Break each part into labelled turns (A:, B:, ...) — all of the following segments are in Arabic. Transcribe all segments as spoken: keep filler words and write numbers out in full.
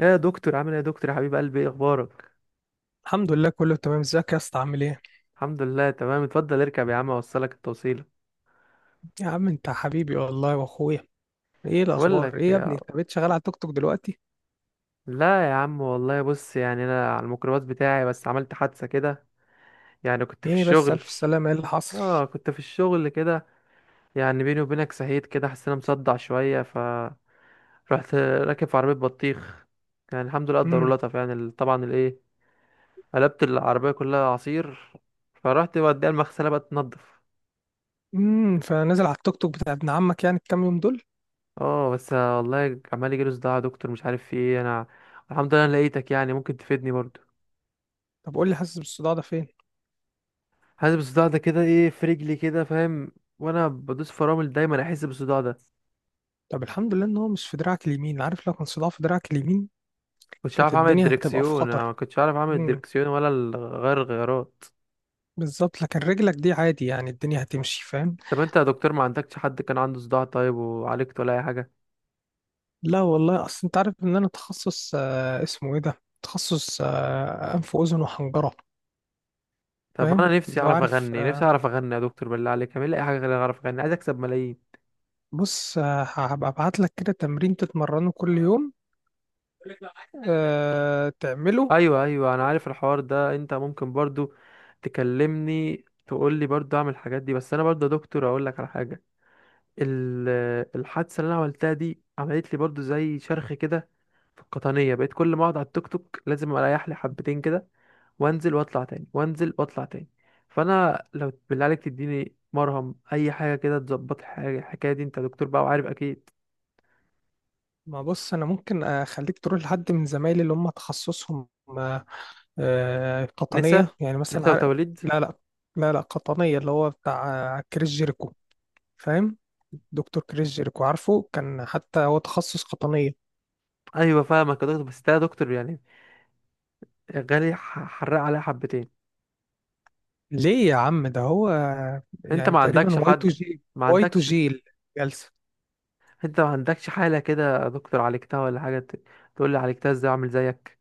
A: يا دكتور عامل ايه؟ يا دكتور يا حبيب قلبي، ايه اخبارك؟
B: الحمد لله، كله تمام. ازيك يا اسطى؟ عامل ايه؟
A: الحمد لله تمام. اتفضل اركب يا عم اوصلك التوصيله.
B: يا عم انت حبيبي والله واخويا. ايه
A: بقول
B: الاخبار؟
A: لك
B: ايه يا
A: يا...
B: ابني انت بقيت شغال على التوك توك دلوقتي؟
A: لا يا عم والله، بص يعني انا على الميكروباص بتاعي بس عملت حادثه كده، يعني كنت في
B: ايه بس؟
A: الشغل.
B: الف سلامه، ايه اللي حصل؟
A: اه كنت في الشغل كده، يعني بيني وبينك سهيت كده، حسيت انا مصدع شويه، ف رحت راكب في عربيه بطيخ. يعني الحمد لله قدر
B: امم
A: لطف، يعني ال- طبعا الايه، قلبت العربيه كلها عصير، فرحت بوديها المغسله بقى تنضف.
B: امم فنزل على التوك توك بتاع ابن عمك يعني الكام يوم دول؟
A: اه بس والله عمال يجيله صداع يا دكتور، مش عارف في ايه انا. الحمد لله انا لقيتك، يعني ممكن تفيدني برضو.
B: طب قول لي، حاسس بالصداع ده فين؟
A: حاسس بالصداع ده كده ايه في رجلي كده فاهم، وانا بدوس فرامل دايما احس بالصداع ده.
B: طب الحمد لله ان هو مش في دراعك اليمين. عارف، لو كان صداع في دراعك اليمين
A: كنتش
B: كانت
A: عارف اعمل
B: الدنيا هتبقى في
A: الدركسيون، انا
B: خطر.
A: ما كنتش عارف اعمل
B: امم.
A: الدركسيون ولا ال- غير الغيارات.
B: بالظبط، لكن رجلك دي عادي يعني الدنيا هتمشي، فاهم.
A: طب انت يا دكتور ما عندكش حد كان عنده صداع طيب وعالجت ولا اي حاجه؟
B: لا والله، اصل انت عارف ان انا تخصص آه اسمه ايه ده، تخصص آه انف واذن وحنجره.
A: طب
B: فاهم،
A: انا نفسي
B: لو
A: اعرف
B: عارف.
A: اغني، نفسي
B: آه،
A: اعرف اغني يا دكتور، بالله عليك اعمل لي اي حاجه غير اعرف اغني، عايز اكسب ملايين.
B: بص، آه، هبقى ابعت لك كده تمرين تتمرنه كل يوم، آه، تعمله.
A: ايوه ايوه، انا عارف الحوار ده، انت ممكن برضو تكلمني تقول لي برضو اعمل الحاجات دي، بس انا برضو يا دكتور اقول لك على حاجه. ال- الحادثه اللي انا عملتها دي عملت لي برضو زي شرخ كده في القطنيه، بقيت كل ما اقعد على التوك توك لازم اريح لي حبتين كده، وانزل واطلع تاني وانزل واطلع تاني. فانا لو بالله عليك تديني مرهم اي حاجه كده تظبط الحاجه الحكايه دي، انت دكتور بقى وعارف اكيد.
B: ما بص، انا ممكن اخليك تروح لحد من زمايلي اللي هم تخصصهم. آه، آه،
A: نسا،
B: قطنيه يعني مثلا
A: نسا
B: عار-
A: وتوليد.
B: لا، لا، لا، لا، قطنيه اللي هو بتاع آه، كريس جيريكو. فاهم. دكتور كريس جيريكو، عارفه كان حتى هو تخصص قطنيه.
A: ايوه فاهمك يا دكتور، بس ده يا دكتور يعني غالي، ح- حرق عليها حبتين.
B: ليه يا عم؟ ده هو آه،
A: انت
B: يعني
A: ما
B: تقريبا
A: عندكش
B: واي تو
A: حد؟
B: جي.
A: ما
B: واي تو
A: عندكش؟
B: جي الجلسه.
A: انت ما عندكش حالة كده يا دكتور عالجتها ولا حاجة، ت- تقول لي عالجتها ازاي اعمل زيك؟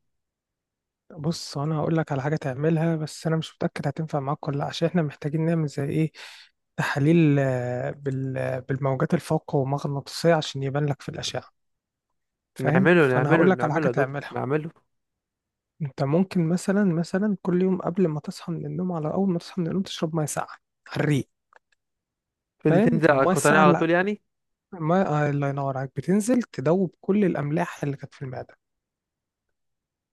B: بص، انا هقول لك على حاجه تعملها، بس انا مش متاكد هتنفع معاك ولا لا، عشان احنا محتاجين نعمل زي ايه، تحاليل آه، بال- بالموجات الفوق مغناطيسيه عشان يبان لك في الاشعه، فاهم.
A: نعمله
B: فانا
A: نعمله
B: هقول لك على
A: نعمله
B: حاجه
A: يا دكتور
B: تعملها.
A: نعمله.
B: انت ممكن مثلا مثلا كل يوم قبل ما تصحى من النوم، على اول ما تصحى من النوم، تشرب ميه ساقعه على الريق،
A: فدي
B: فاهم.
A: تنزل على
B: الميه
A: القطنية
B: الساقعه،
A: على طول
B: لا،
A: يعني.
B: الميه آه، الله ينور عليك، بتنزل تدوب كل الاملاح اللي كانت في المعده.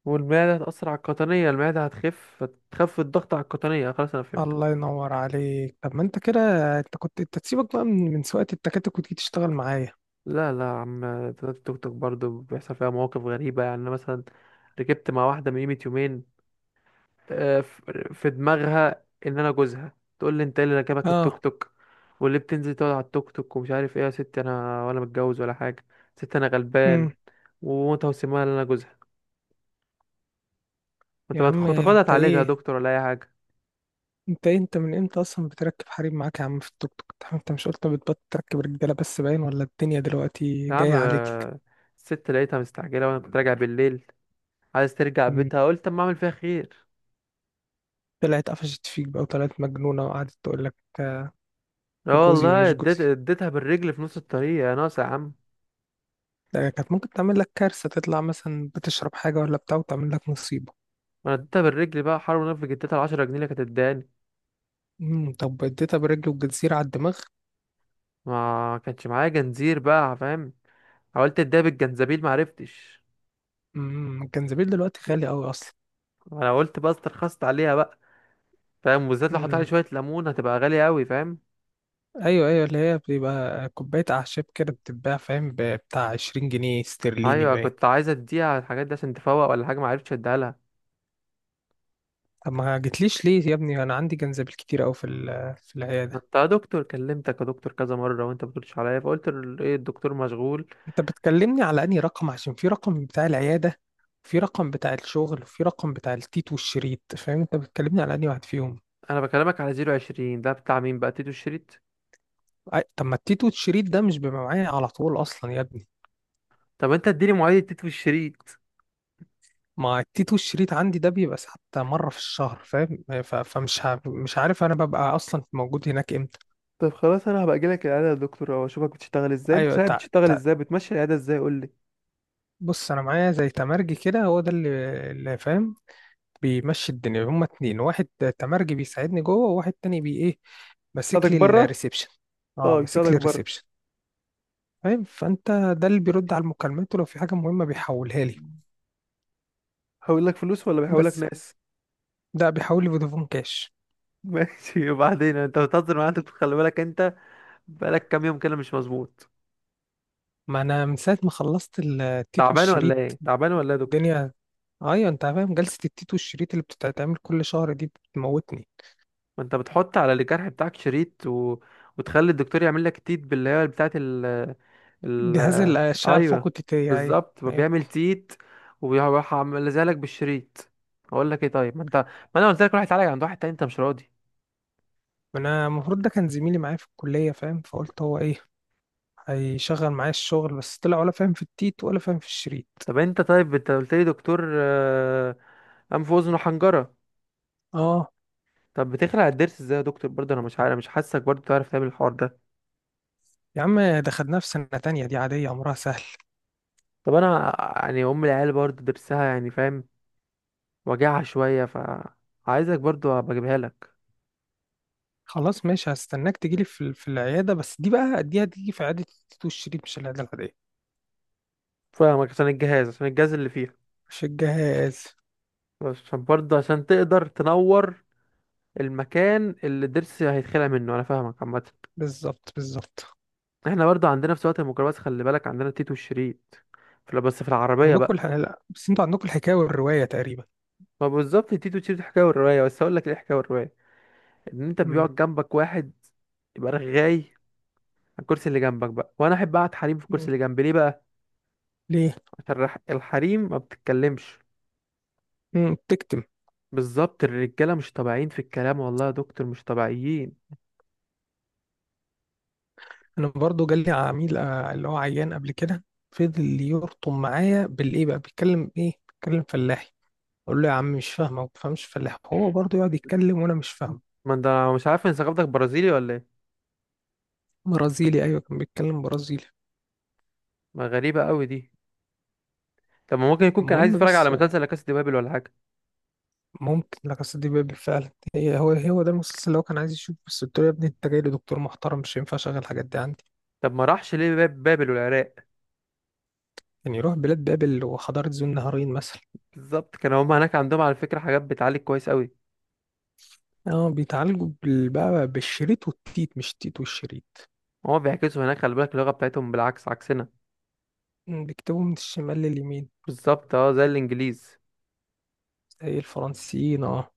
A: والمعدة هتأثر على القطنية، المعدة هتخف، هتخف الضغط على القطنية، خلاص انا فهمت.
B: الله ينور عليك. طب ما انت كده، انت كنت انت تسيبك بقى من من سواقه التكاتك وتيجي تشتغل معايا.
A: لا لا يا عم، التوك توك برضه بيحصل فيها مواقف غريبة. يعني أنا مثلا ركبت مع واحدة من قيمة يومين، آه، ف- في دماغها ان انا جوزها، تقول لي انت إيه اللي راكبك التوك
B: اه.
A: توك واللي بتنزل تقعد على التوك توك ومش عارف ايه. يا ستي انا ولا متجوز ولا حاجه، ست انا غلبان،
B: امم.
A: وانت وسمها ان انا جوزها. وانت
B: يا عم
A: بتخ- تاخدها
B: انت
A: تعالجها يا
B: ايه؟
A: دكتور ولا اي حاجه؟
B: انت ايه؟ انت من امتى اصلا بتركب حريم معاك يا عم في التوك توك؟ انت أنت مش قلت بتبطل تركب رجاله بس؟ باين، ولا الدنيا دلوقتي
A: يا عم
B: جايه عليك.
A: آه، الست لقيتها مستعجله وانا كنت راجع بالليل، عايز ترجع
B: مم.
A: بيتها، قلت اما اعمل فيها خير.
B: طلعت قفشت فيك بقى، وطلعت مجنونه وقعدت تقول لك آه،
A: اه
B: جوزي
A: والله
B: ومش
A: اديت
B: جوزي.
A: اديتها بالرجل في نص الطريق يا ناقص يا عم.
B: ده كانت ممكن تعمل لك كارثه، تطلع مثلا بتشرب حاجه ولا بتاع وتعمل لك مصيبه.
A: انا اديتها بالرجل بقى حرام، نفسي اديتها العشرة جنيه اللي كانت اداني.
B: امم. طب اديتها برجل الجزيره على الدماغ؟
A: ما كانش معايا جنزير بقى فاهم، حاولت اديها بالجنزبيل معرفتش.
B: امم الجنزبيل دلوقتي غالي قوي اصلا.
A: انا قلت بقى استرخصت عليها بقى فاهم، وبالذات لو حطيت عليه
B: مم.
A: شويه ليمون هتبقى غاليه قوي فاهم.
B: ايوه، ايوه، اللي هي بتبقى كوبايه اعشاب كده بتتباع، فاهم ب- بتاع عشرين جنيه استرليني
A: ايوه
B: باين.
A: كنت عايز اديها على الحاجات دي عشان تفوق ولا حاجه، معرفتش اديها لها.
B: طب ما جتليش ليه يا ابني؟ انا عندي جنزبيل كتير قوي في ال- في
A: ما
B: العياده.
A: انت يا دكتور كلمتك يا دكتور كذا مره وانت بتردش عليا، فقلت ال- ايه الدكتور مشغول.
B: انت بتكلمني على انهي رقم؟ عشان في رقم بتاع العياده، في رقم بتاع الشغل، وفي رقم بتاع التيت والشريط، فاهم. انت بتكلمني على انهي واحد فيهم؟
A: انا بكلمك على صفر اتنين صفر، ده بتاع مين بقى تيتو الشريط؟
B: أي- طب ما التيت والشريط ده مش بيبقى معايا على طول اصلا يا ابني.
A: طب انت اديني مواعيد تيتو الشريط.
B: ما التيت والشريط عندي ده بيبقى حتى مره في الشهر، فاهم. ف- فمش ع- مش عارف انا ببقى اصلا موجود هناك امتى.
A: طب خلاص انا هبقى اجيلك العياده يا دكتور، او اشوفك بتشتغل ازاي، انت
B: ايوه.
A: صحيح بتشتغل ازاي بتمشي العياده ازاي؟ قول لي.
B: بص، انا معايا زي تمرجي كده، هو ده اللي اللي فاهم بيمشي الدنيا. هما اتنين، واحد تمرجي بيساعدني جوه، وواحد تاني بي ايه، ماسك
A: بيساعدك
B: لي
A: بره؟
B: الريسبشن. اه،
A: اه
B: ماسك
A: يساعدك
B: لي
A: بره.
B: الريسبشن. فاهم، فانت، ده اللي بيرد على المكالمات، ولو في حاجه مهمه بيحولها لي.
A: هقول لك فلوس ولا بيحول لك
B: بس
A: ناس؟
B: ده بيحول لي فودافون كاش.
A: ماشي. وبعدين انت بتهزر معايا، انت خلي بالك انت، بقالك كام يوم كده مش مظبوط.
B: ما انا من ساعه ما خلصت التيت
A: تعبان ولا
B: والشريط
A: ايه، تعبان ولا ايه يا دكتور؟
B: الدنيا. ايوه، انت فاهم جلسه التيت والشريط اللي بتتعمل كل شهر دي بتموتني.
A: ما انت بتحط على الجرح بتاعك شريط و... وتخلي الدكتور يعمل لك تيت باللي هي بتاعه ال...
B: جهاز
A: ال...
B: الاشعه الفوق
A: ايوه
B: التيتيه، ايوه.
A: بالظبط،
B: ايوه،
A: بيعمل تيت وبيروح عامل لك بالشريط. اقول لك ايه، طيب ما انت، ما انا قلت لك روح اتعالج عند واحد تاني انت مش راضي.
B: ما انا المفروض ده كان زميلي معايا في الكلية، فاهم، فقلت هو ايه هيشغل معايا الشغل، بس طلع ولا فاهم في التيت ولا فاهم في الشريط.
A: طب انت، طيب انت قلت لي دكتور آه، انف واذن وحنجره.
B: اه،
A: طب بتخلع الضرس ازاي يا دكتور برضه؟ انا مش عارف، مش حاسك برضه تعرف تعمل الحوار ده.
B: يا عم دخلناه في سنة تانية، دي عادية امرها سهل.
A: طب انا يعني ام العيال برضه ضرسها يعني فاهم، وجعها شويه، ف عايزك برضه ابقى اجيبها لك.
B: خلاص ماشي، هستناك تجيلي في في العيادة، بس دي بقى دي هتيجي في عيادة التيت والشريط، مش العيادة العادية.
A: فاهمك، عشان الجهاز، عشان الجهاز اللي فيها،
B: مش الجهاز.
A: عشان برضه عشان تقدر تنور المكان اللي الضرس هيتخلع منه، انا فاهمك عامه.
B: بالظبط، بالظبط.
A: احنا برضه عندنا في سواقة الميكروباص خلي بالك عندنا تيتو الشريط في، بس في العربيه
B: عندكم
A: بقى.
B: الح... لا، بس انتوا عندكم الحكاية والرواية تقريبا.
A: ما بالظبط تيتو الشريط الحكايه والروايه، بس اقول لك ايه الحكايه والروايه، ان انت
B: امم.
A: بيقعد جنبك واحد يبقى رغاي، الكرسي اللي جنبك بقى. وانا احب اقعد حريم في الكرسي اللي جنبي، ليه بقى؟
B: ليه؟
A: عشان الرح- الحريم ما بتتكلمش.
B: امم تكتم.
A: بالظبط الرجاله مش طبيعيين في الكلام، والله يا دكتور مش طبيعيين.
B: انا برضو جالي عميل آه، اللي هو عيان قبل كده، فضل يرطم معايا بالايه بقى، بيتكلم ايه؟ بيتكلم فلاحي. اقول له يا عم مش فاهمه، ما بفهمش فلاح، هو برضو يقعد يتكلم وانا مش فاهمه.
A: ما انت مش عارف ان ثقافتك برازيلي ولا ايه؟
B: برازيلي؟ ايوه كان بيتكلم برازيلي.
A: ما غريبه قوي دي. طب ما ممكن يكون كان عايز
B: المهم
A: يتفرج على
B: بس آه،
A: مسلسل لا كاسا دي بابل ولا حاجه.
B: ممكن، لا قصة دي بابل فعلا. هي هو هو ده المسلسل اللي هو كان عايز يشوفه، بس قلت له يا ابني انت جاي لدكتور محترم، مش هينفع اشغل الحاجات دي عندي.
A: طب ما راحش ليه باب بابل والعراق؟
B: يعني يروح بلاد بابل وحضارة ذو النهارين مثلا.
A: بالظبط، كان هما هناك عندهم على فكره حاجات بتعالج كويس قوي.
B: اه، بيتعالجوا بال- بقى بالشريط والتيت، مش التيت والشريط.
A: هما بيعكسوا هناك خلي بالك، اللغه بتاعتهم بالعكس عكسنا.
B: بيكتبوا من الشمال لليمين.
A: بالظبط، اه زي الانجليز.
B: زي الفرنسيين، اه.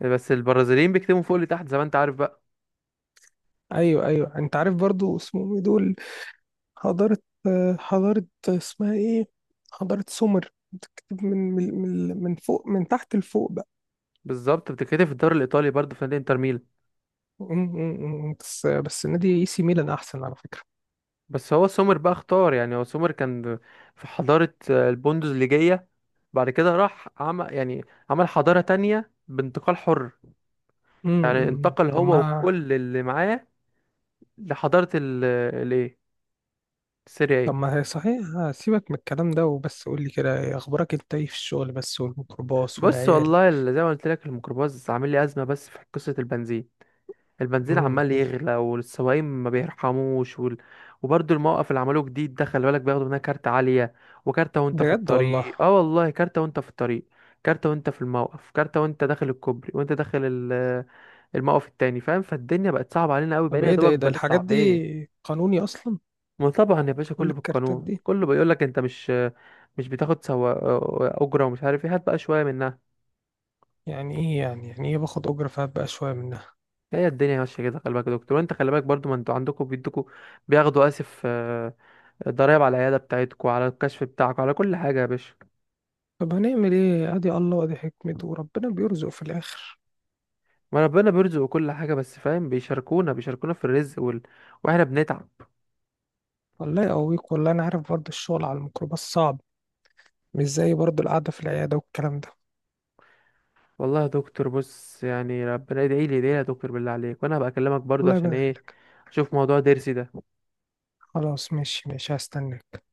A: بس البرازيليين بيكتبوا فوق لتحت زي ما انت عارف بقى.
B: ايوه، ايوه، انت عارف برضو اسمهم ايه دول؟ حضارة آه، حضارة اسمها ايه، حضارة سومر، بتكتب من من من من فوق، من تحت لفوق بقى.
A: بالظبط، بتتكتب في الدوري الايطالي برضه في نادي انتر ميلان.
B: م- م- م. بس بس نادي اي سي ميلان احسن على فكرة.
A: بس هو سومر بقى اختار، يعني هو سومر كان في حضارة آه، البوندوزليجية، بعد كده راح عمل يعني عمل حضارة تانية بانتقال حر،
B: م-
A: يعني
B: م.
A: انتقل
B: طب
A: هو
B: ما
A: وكل اللي معاه لحضارة ال الايه السريعية.
B: طب ما هي صحيح. سيبك من الكلام ده وبس، قول لي كده، إيه اخبارك انت؟ ايه في الشغل بس والميكروباص
A: بص
B: والعيال؟
A: والله، ال- زي ما قلت لك الميكروباص عامل لي أزمة بس في قصة البنزين. البنزين
B: م.
A: عمال يغلى والسواقين ما بيرحموش وال... وبرضه الموقف اللي عملوه جديد ده خلي بالك، بياخدوا منها كارت عالية. وكارتة وانت في
B: بجد والله.
A: الطريق، اه والله كارتة وانت في الطريق، كارتة وانت في الموقف، كارتة وانت داخل الكوبري، وانت داخل ال- الموقف التاني فاهم. فالدنيا بقت صعبة علينا قوي،
B: طب
A: بقينا يا
B: ايه ده؟
A: دوبك
B: ايه ده
A: بنطلع
B: الحاجات دي؟
A: بايه.
B: قانوني اصلا؟
A: ما طبعا يا باشا
B: كل
A: كله
B: الكارتات
A: بالقانون،
B: دي؟
A: كله بيقول لك انت مش، مش بتاخد سوا اجره ومش عارف ايه، هات بقى شويه منها.
B: يعني ايه؟ يعني يعني ايه باخد اجره فهات بقى شويه منها؟
A: هي الدنيا ماشيه كده خلي بالك يا دكتور، وانت خلي بالك برضو، ما انتوا عندكم بيدوكوا، بياخدوا اسف الضرايب على العيادة بتاعتكم، على الكشف بتاعكم، على كل حاجة يا باشا.
B: طب هنعمل ايه؟ ادي الله وادي حكمته وربنا بيرزق في الاخر.
A: ما ربنا بيرزق كل حاجة بس فاهم، بيشاركونا، بيشاركونا في الرزق وال... واحنا بنتعب.
B: الله يقويك والله، انا عارف برضه الشغل على الميكروباص صعب، مش زي برضه القعده في العياده والكلام ده.
A: والله يا دكتور، بص يعني ربنا ادعي لي، ادعي لي يا دكتور بالله عليك، وانا هبقى اكلمك برضو،
B: والله
A: عشان
B: يبارك
A: ايه؟
B: لك.
A: اشوف موضوع ضرسي ده.
B: خلاص ماشي، ماشي، هستناك.